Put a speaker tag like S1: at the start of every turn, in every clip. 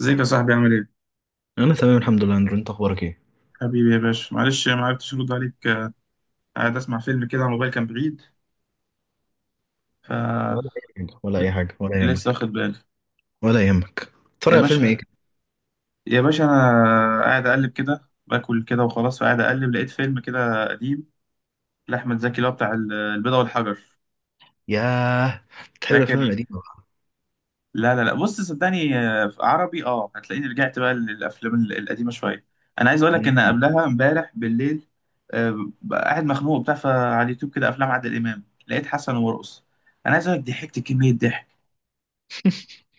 S1: ازيك يا صاحبي عامل ايه؟
S2: انا تمام الحمد لله اندرو، انت اخبارك ايه؟
S1: حبيبي يا باشا، معلش ما عرفتش ارد عليك، قاعد اسمع فيلم كده على الموبايل، كان بعيد.
S2: ولا
S1: ف
S2: اي حاجه، ولا
S1: لسه
S2: يهمك،
S1: واخد بالي.
S2: ولا يهمك تتفرج
S1: يا
S2: على فيلم ايه
S1: باشا،
S2: كده؟
S1: انا قاعد اقلب كده باكل كده وخلاص، فقاعد اقلب لقيت فيلم كده قديم لاحمد زكي اللي هو بتاع البيضة والحجر.
S2: ياه، بتحب الافلام
S1: فاكر؟
S2: القديمه بقى.
S1: لا لا لا، بص صدقني، في عربي. اه، هتلاقيني رجعت بقى للافلام القديمه شويه. انا عايز اقول لك
S2: مم.
S1: ان قبلها امبارح بالليل، بقى قاعد مخنوق وبتاع، فعلى اليوتيوب كده افلام عادل امام لقيت حسن ومرقص. انا عايز اقول لك ضحكت كميه ضحك،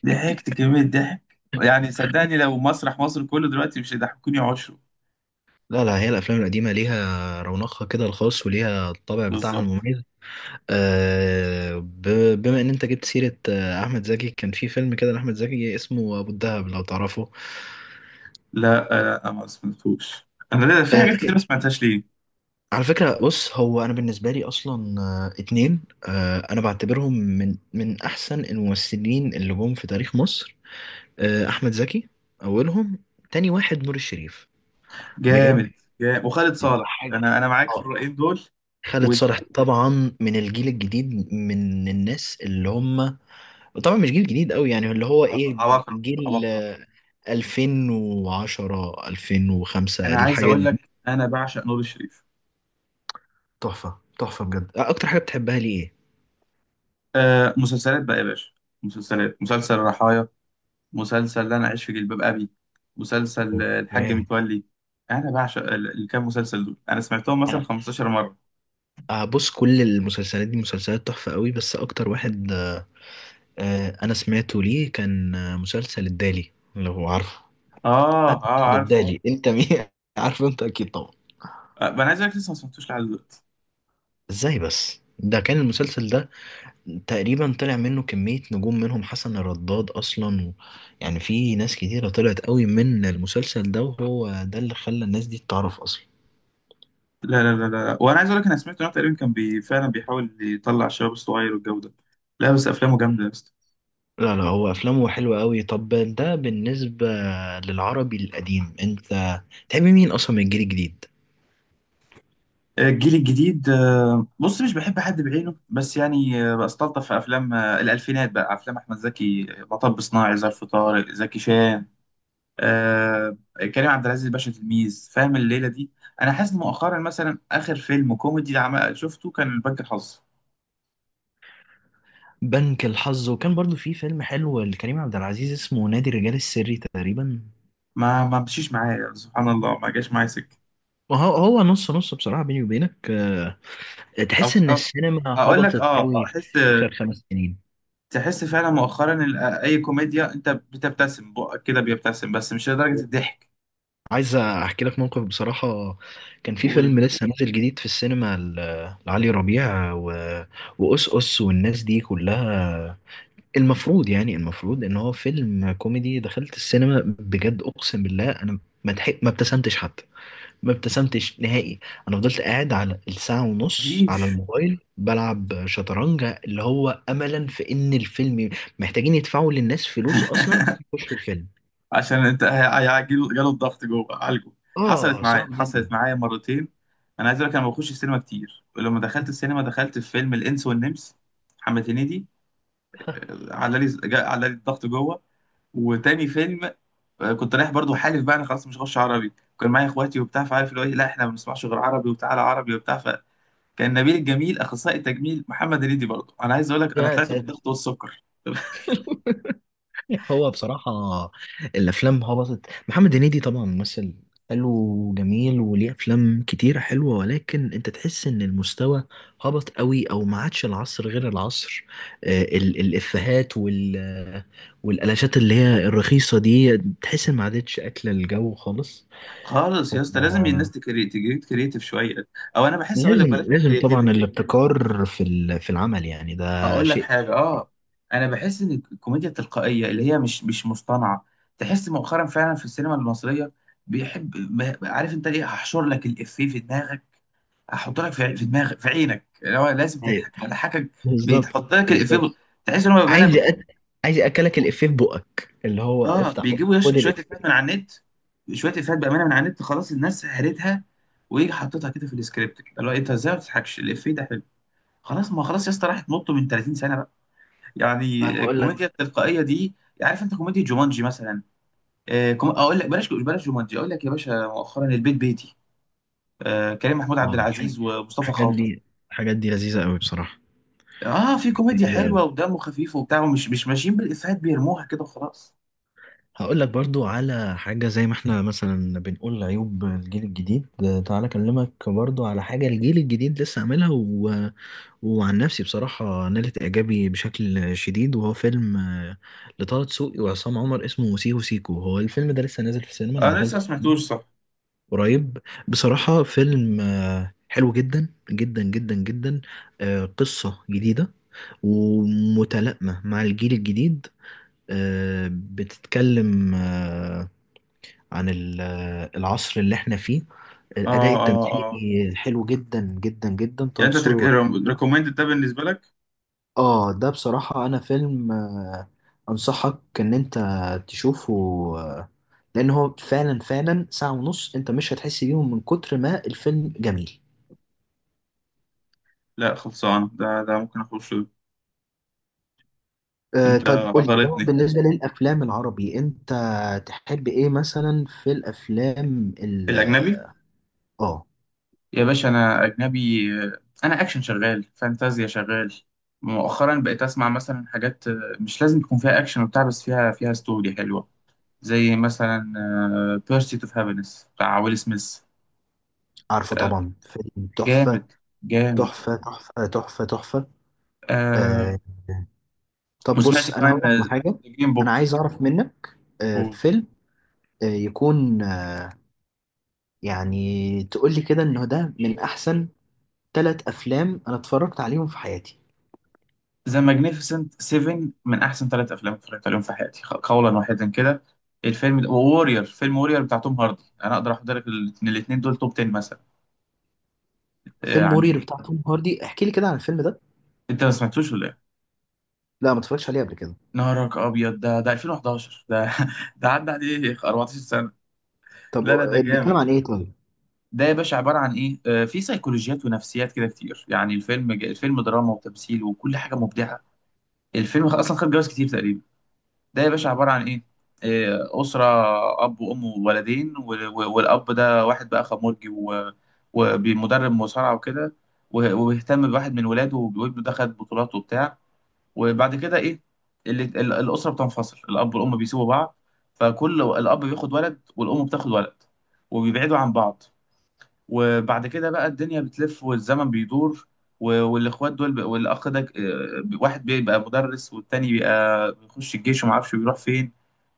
S1: ضحكت كميه ضحك. يعني صدقني لو مسرح مصر كله دلوقتي مش هيضحكوني عشره.
S2: لا لا، هي الافلام القديمه ليها رونقها كده الخاص وليها الطابع بتاعها
S1: بالظبط.
S2: المميز. بما ان انت جبت سيره احمد زكي، كان في فيلم كده لاحمد زكي اسمه ابو الدهب، لو تعرفه.
S1: لا، لا انا ما سمعتوش. انا في
S2: آه،
S1: حاجات كتير
S2: في-
S1: ما سمعتهاش ليه.
S2: على فكرة بص، هو أنا بالنسبة لي أصلا اتنين، أنا بعتبرهم من أحسن الممثلين اللي جم في تاريخ مصر. احمد زكي اولهم، تاني واحد نور الشريف، بجد.
S1: جامد. جامد وخالد صالح،
S2: حاجه،
S1: انا معاك في
S2: اه.
S1: الرأيين دول.
S2: خالد صالح
S1: وعباقرة.
S2: طبعا من الجيل الجديد، من الناس اللي هم طبعا مش جيل جديد قوي، يعني اللي هو ايه،
S1: عباقرة.
S2: جيل
S1: عباقرة.
S2: 2010، 2005،
S1: انا عايز
S2: الحاجات
S1: اقول
S2: دي.
S1: لك انا بعشق نور الشريف.
S2: تحفه تحفه بجد. اكتر حاجه بتحبها ليه ايه؟
S1: آه، مسلسلات بقى يا باشا. مسلسلات. مسلسل رحايا، مسلسل لا انا اعيش في جلباب ابي، مسلسل الحاج
S2: اوكي.
S1: متولي. انا بعشق الكام مسلسل دول، انا سمعتهم مثلا
S2: انا
S1: 15 مره.
S2: بص، كل المسلسلات دي مسلسلات تحفه قوي، بس اكتر واحد انا سمعته ليه كان مسلسل الدالي، لو عارفه.
S1: اه
S2: انا
S1: اه،
S2: خد
S1: عارف.
S2: بالي انت مين عارف، انت اكيد طبعا.
S1: انا عايز اقول لك لسه ما سمعتوش لحد دلوقتي.
S2: ازاي بس؟ ده كان المسلسل ده تقريبا طلع منه كمية نجوم، منهم حسن الرداد اصلا و... يعني في ناس كتيرة طلعت قوي من المسلسل ده، وهو ده اللي خلى الناس دي تتعرف اصلا.
S1: لا لا لا لا، وانا عايز اقول لك انا سمعت ان هو تقريبا كان بي فعلا بيحاول يطلع الشباب الصغير والجو ده. لا بس افلامه جامده يا اسطى.
S2: لا لا، هو افلامه حلوة قوي. طب ده بالنسبة للعربي القديم، انت تحب مين اصلا من الجيل الجديد؟
S1: الجيل الجديد، بص مش بحب حد بعينه بس يعني، بستلطف في افلام الالفينات بقى، افلام احمد زكي، مطب صناعي، ظرف، طارق زكي شان. آه، كريم عبد العزيز باشا، تلميذ فاهم، الليله دي. انا حاسس مؤخرا مثلا اخر فيلم كوميدي شفته كان بنك الحظ.
S2: بنك الحظ، وكان برضو في فيلم حلو لكريم عبد العزيز اسمه نادي الرجال السري تقريبا.
S1: ما مشيش معايا، سبحان الله ما جاش معايا سكه.
S2: ما هو هو نص نص بصراحة بيني وبينك.
S1: أو
S2: تحس إن
S1: أو-
S2: السينما
S1: اقول لك
S2: هبطت
S1: اه
S2: قوي في
S1: احس.
S2: آخر خمس سنين.
S1: تحس فعلا مؤخرا اي كوميديا انت بتبتسم بقك كده، بيبتسم بس مش لدرجه الضحك.
S2: عايز أحكي لك موقف بصراحة. كان في
S1: قولي.
S2: فيلم لسه نازل جديد في السينما لعلي ربيع و... وأس والناس دي كلها، المفروض يعني المفروض إن هو فيلم كوميدي. دخلت السينما بجد أقسم بالله، أنا ما ضحك- ما ابتسمتش حتى، ما ابتسمتش نهائي. انا فضلت قاعد على الساعة ونص على
S1: مفيش.
S2: الموبايل بلعب شطرنج، اللي هو املا في ان الفيلم محتاجين يدفعوا للناس فلوس اصلا عشان يخشوا الفيلم.
S1: عشان انت جاله الضغط جوه عالجه. حصلت
S2: اه،
S1: معايا،
S2: صعب جدا.
S1: حصلت معايا مرتين. انا عايز اقول لك انا ما بخش السينما كتير، ولما دخلت السينما دخلت في فيلم الانس والنمس، محمد هنيدي. على لي على لي الضغط جوه. وتاني فيلم، كنت رايح برضو، حالف بقى انا خلاص مش هخش عربي. كان معايا اخواتي وبتاع، فعارف اللي هو إيه، لا احنا ما بنسمعش غير عربي، وتعالى عربي وبتاع، فكان نبيل الجميل اخصائي التجميل، محمد هنيدي برضو. انا عايز اقول لك انا
S2: يا
S1: طلعت
S2: ساتر.
S1: بالضغط والسكر.
S2: هو بصراحة الأفلام هبطت. محمد هنيدي طبعا ممثل حلو وجميل وليه أفلام كتيرة حلوة، ولكن أنت تحس إن المستوى هبط قوي، أو ما عادش العصر غير العصر. الإفيهات وال والقلاشات اللي هي الرخيصة دي، تحس إن ما عادتش أكلة الجو خالص.
S1: خالص يا اسطى، لازم الناس
S2: آه،
S1: تجيب كريتيف شويه. او انا بحس، اقول لك بلاش
S2: لازم طبعا
S1: كريتيفيتي.
S2: الابتكار في في العمل، يعني ده
S1: اقول لك
S2: شيء.
S1: حاجه اه، انا بحس ان الكوميديا التلقائيه اللي هي مش مصطنعه، تحس مؤخرا فعلا في السينما المصريه. بيحب، عارف انت ليه؟ هحشر لك الافيه في دماغك، هحط لك في دماغك في عينك، اللي هو لازم
S2: أيوة،
S1: تضحك، هضحكك.
S2: بالظبط.
S1: بيتحط لك الافيه
S2: بالظبط.
S1: تحس ان هو بيبقى.
S2: عايز
S1: انا
S2: أك... عايز اكلك الافيه في بقك، اللي هو
S1: اه،
S2: افتح
S1: بيجيبوا
S2: بقك خد
S1: شويه
S2: الافيه.
S1: افيهات من على النت، شويه افيهات بامانه من على النت خلاص الناس هرتها، ويجي حاططها كده في السكريبت كده، اللي هو انت ازاي ما بتضحكش الافيه ده حلو. خلاص، ما خلاص يا اسطى راحت، نط من 30 سنه بقى، يعني
S2: انا هقول لك.
S1: الكوميديا التلقائيه دي. عارف انت كوميديا جومانجي مثلا؟ اقول لك بلاش، بلاش جومانجي. اقول لك يا باشا مؤخرا البيت بيتي، آه، كريم محمود عبد
S2: اه.
S1: العزيز ومصطفى
S2: الحاجات
S1: خاطر.
S2: دي الحاجات دي لذيذه قوي بصراحه.
S1: اه، في
S2: الحاجات دي
S1: كوميديا
S2: لذيذه قوي.
S1: حلوه ودمه خفيف وبتاع، ومش مش ماشيين بالافيهات بيرموها كده وخلاص.
S2: هقول لك برضو على حاجه، زي ما احنا مثلا بنقول عيوب الجيل الجديد، تعالى اكلمك برضو على حاجه الجيل الجديد لسه عاملها و... وعن نفسي بصراحه نالت اعجابي بشكل شديد، وهو فيلم لطه دسوقي وعصام عمر اسمه سيكو سيكو. هو الفيلم ده لسه نازل في السينما، انا
S1: انا لسه ما
S2: دخلته
S1: سمعتوش، صح.
S2: قريب. بصراحة فيلم حلو جدا جدا جدا جدا. قصة جديدة ومتلائمة مع الجيل الجديد. بتتكلم عن العصر اللي احنا فيه.
S1: اه
S2: الأداء
S1: اه،
S2: التمثيلي
S1: آه.
S2: حلو جدا جدا جدا. طه
S1: يعني انت
S2: دسوقي وعمر،
S1: ريكومندد ده بالنسبه لك؟
S2: اه. ده بصراحة أنا فيلم أنصحك إن أنت تشوفه، آه، لأن هو فعلا فعلا ساعة ونص أنت مش هتحس بيهم من كتر ما الفيلم جميل.
S1: لا خلصان، ده ممكن اخش له. انت
S2: طيب قول لي، هو
S1: غلطني.
S2: بالنسبة للأفلام العربي، أنت تحب إيه مثلا في الأفلام ال
S1: الاجنبي.
S2: آه؟
S1: يا باشا انا اجنبي. انا اكشن شغال، فانتازيا شغال. مؤخرا بقيت اسمع مثلا حاجات مش لازم يكون فيها اكشن وبتاع، بس فيها ستوري حلوه، زي مثلا بيرسيت اوف هابينس بتاع ويل سميث.
S2: عارفه
S1: آه،
S2: طبعا، فيلم تحفة
S1: جامد. جامد.
S2: تحفة تحفة تحفة تحفة.
S1: آه،
S2: آه، طب
S1: وسمعت
S2: بص أنا
S1: كمان
S2: هقول لك على
S1: ذا
S2: حاجة.
S1: جرين
S2: أنا
S1: بوك.
S2: عايز أعرف منك آه فيلم آه يكون آه يعني تقول لي كده إنه ده من أحسن ثلاث أفلام أنا اتفرجت عليهم في حياتي.
S1: ذا ماجنيفيسنت 7 من احسن ثلاث افلام اتفرجت عليهم في حياتي، قولا واحدا كده. الفيلم ده وورير. فيلم وورير بتاع توم هاردي، انا اقدر احط لك الاثنين دول توب 10 مثلا،
S2: فيلم مرير
S1: يعني.
S2: بتاع توم هاردي، احكي لي كده عن الفيلم ده.
S1: انت ما سمعتوش ولا ايه؟
S2: لا، ما اتفرجتش عليه قبل كده.
S1: نهارك ابيض، ده 2011، ده ده عدى عليه 14 سنه.
S2: طب
S1: لا لا، ده
S2: بيتكلم
S1: جامد.
S2: عن إيه طيب؟
S1: ده يا باشا عباره عن ايه؟ في سيكولوجيات ونفسيات كده كتير، يعني الفيلم، دراما وتمثيل وكل حاجه مبدعه. الفيلم اصلا خد جوائز كتير تقريبا. ده يا باشا عبارة عن إيه؟ إيه، أسرة، أب وأم وولدين والأب ده واحد بقى خمرجي، ومدرب مصارعة وكده، وبيهتم بواحد من ولاده، وابنه ده خد بطولات وبتاع. وبعد كده إيه؟ اللي الأسرة بتنفصل، الأب والأم بيسيبوا بعض، فكل الأب بياخد ولد والأم بتاخد ولد، وبيبعدوا عن بعض. وبعد كده بقى الدنيا بتلف والزمن بيدور، والإخوات دول، والأخ ده، واحد بيبقى مدرس والتاني بيبقى بيخش الجيش وما اعرفش بيروح فين،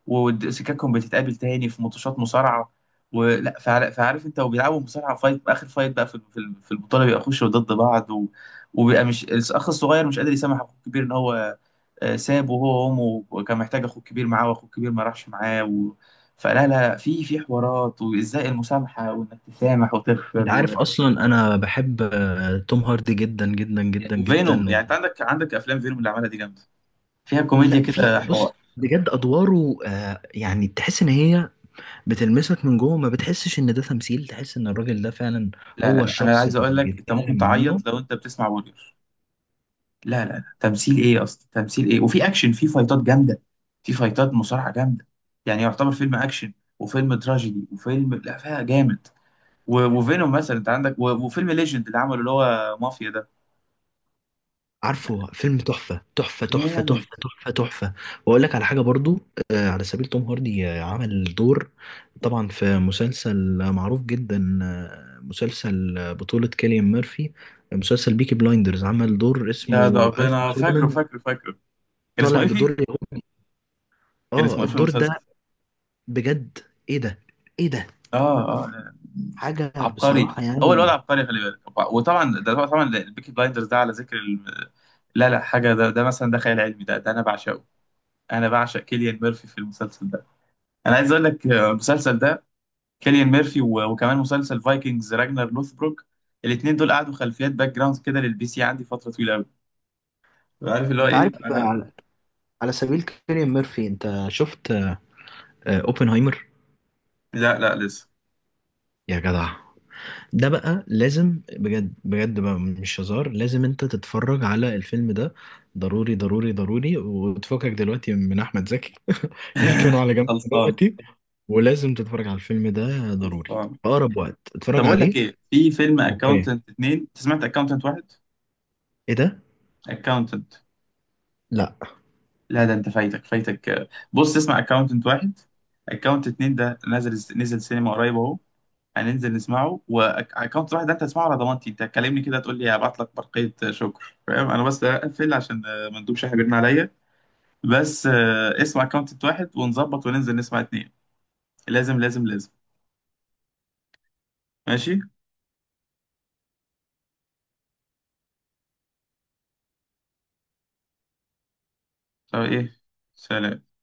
S1: وسكاكهم بتتقابل تاني في ماتشات مصارعه. ولا فعارف انت، وبيلعبوا مصارعه، فايت اخر فايت بقى في البطوله بيبقى يخشوا ضد بعض. و... وبيبقى مش الاخ الصغير مش قادر يسامح اخوه الكبير ان هو سابه هو وامه، وكان محتاج اخوه الكبير معاه واخوه الكبير ما راحش معاه. و... فلا لا، في حوارات، وازاي المسامحه، وانك تسامح
S2: انت
S1: وتغفر. و...
S2: عارف اصلا انا بحب توم هاردي جدا جدا جدا
S1: وفينوم،
S2: جدا،
S1: يعني انت
S2: و...
S1: عندك، افلام فينوم اللي عملها دي جامده، فيها كوميديا
S2: لا، في
S1: كده، حوار.
S2: بص بجد ادواره يعني تحس ان هي بتلمسك من جوه، ما بتحسش ان ده تمثيل، تحس ان الراجل ده فعلا
S1: لا لا
S2: هو
S1: لا، انا
S2: الشخص
S1: عايز
S2: اللي
S1: اقول لك انت ممكن
S2: بيتكلم عنه.
S1: تعيط لو انت بتسمع وورير. لا لا لا، تمثيل ايه اصلا، تمثيل ايه، وفي اكشن، في فايتات جامده، في فايتات مصارعه جامده. يعني يعتبر فيلم اكشن وفيلم تراجيدي وفيلم، لا فيها جامد. وفينوم مثلا انت عندك، وفيلم ليجند اللي عمله اللي هو مافيا ده
S2: عارفه، فيلم تحفة تحفة تحفة
S1: جامد.
S2: تحفة تحفة تحفة. وأقول لك على حاجة برضو. على سبيل توم هاردي، عمل دور طبعا في مسلسل معروف جدا، مسلسل بطولة كيليان ميرفي، مسلسل بيكي بلايندرز، عمل دور
S1: يا ده
S2: اسمه ألف
S1: ربنا، فاكره
S2: سولمان،
S1: فاكره فاكره. كان اسمه
S2: طالع
S1: ايه فيه؟
S2: بدور يهودي.
S1: كان
S2: اه،
S1: اسمه ايه في
S2: الدور ده
S1: المسلسل؟
S2: بجد، ايه ده، ايه ده،
S1: اه اه، لا.
S2: حاجة
S1: عبقري.
S2: بصراحة
S1: هو الواد
S2: يعني.
S1: عبقري، خلي بالك. وطبعا ده طبعا البيكي بلايندرز ده، على ذكر لا لا حاجه. ده مثلا ده خيال علمي، ده انا بعشقه. انا بعشق كيليان ميرفي في المسلسل ده. انا عايز اقول لك، آه، المسلسل ده كيليان ميرفي، وكمان مسلسل فايكنجز راجنر لوثبروك، الاثنين دول قعدوا خلفيات باك جراوند كده للبي سي عندي فتره طويله قوي. عارف اللي هو
S2: انت
S1: ايه
S2: عارف
S1: انا؟
S2: على سبيل كيليان ميرفي، انت شفت اوبنهايمر؟
S1: لا لا، لسه.
S2: يا جدع، ده بقى لازم بجد بجد، بقى مش هزار، لازم انت تتفرج على الفيلم ده، ضروري ضروري ضروري، وتفكك دلوقتي من احمد زكي، يركنوا على جنب
S1: خلصان.
S2: دلوقتي. ولازم تتفرج على الفيلم ده ضروري
S1: خلصان.
S2: في اقرب وقت،
S1: طب
S2: اتفرج
S1: اقول لك
S2: عليه.
S1: ايه، في فيلم
S2: اوكي،
S1: اكاونتنت اتنين، انت سمعت اكاونتنت واحد؟
S2: ايه ده،
S1: اكاونتنت.
S2: لا
S1: لا، ده انت فايتك فايتك، بص اسمع اكاونتنت واحد، اكاونتنت اتنين ده نزل، نزل سينما قريب اهو، هننزل نسمعه. واكونت واحد ده انت هتسمعه، على ضمانتي انت هتكلمني كده تقول لي هبعت لك برقية شكر، فاهم؟ انا بس اقفل عشان ما ندوبش شحن بيرن عليا، بس اسمع اكونت واحد ونظبط، وننزل نسمع اتنين، لازم لازم لازم. ماشي. طب ايه. سلام.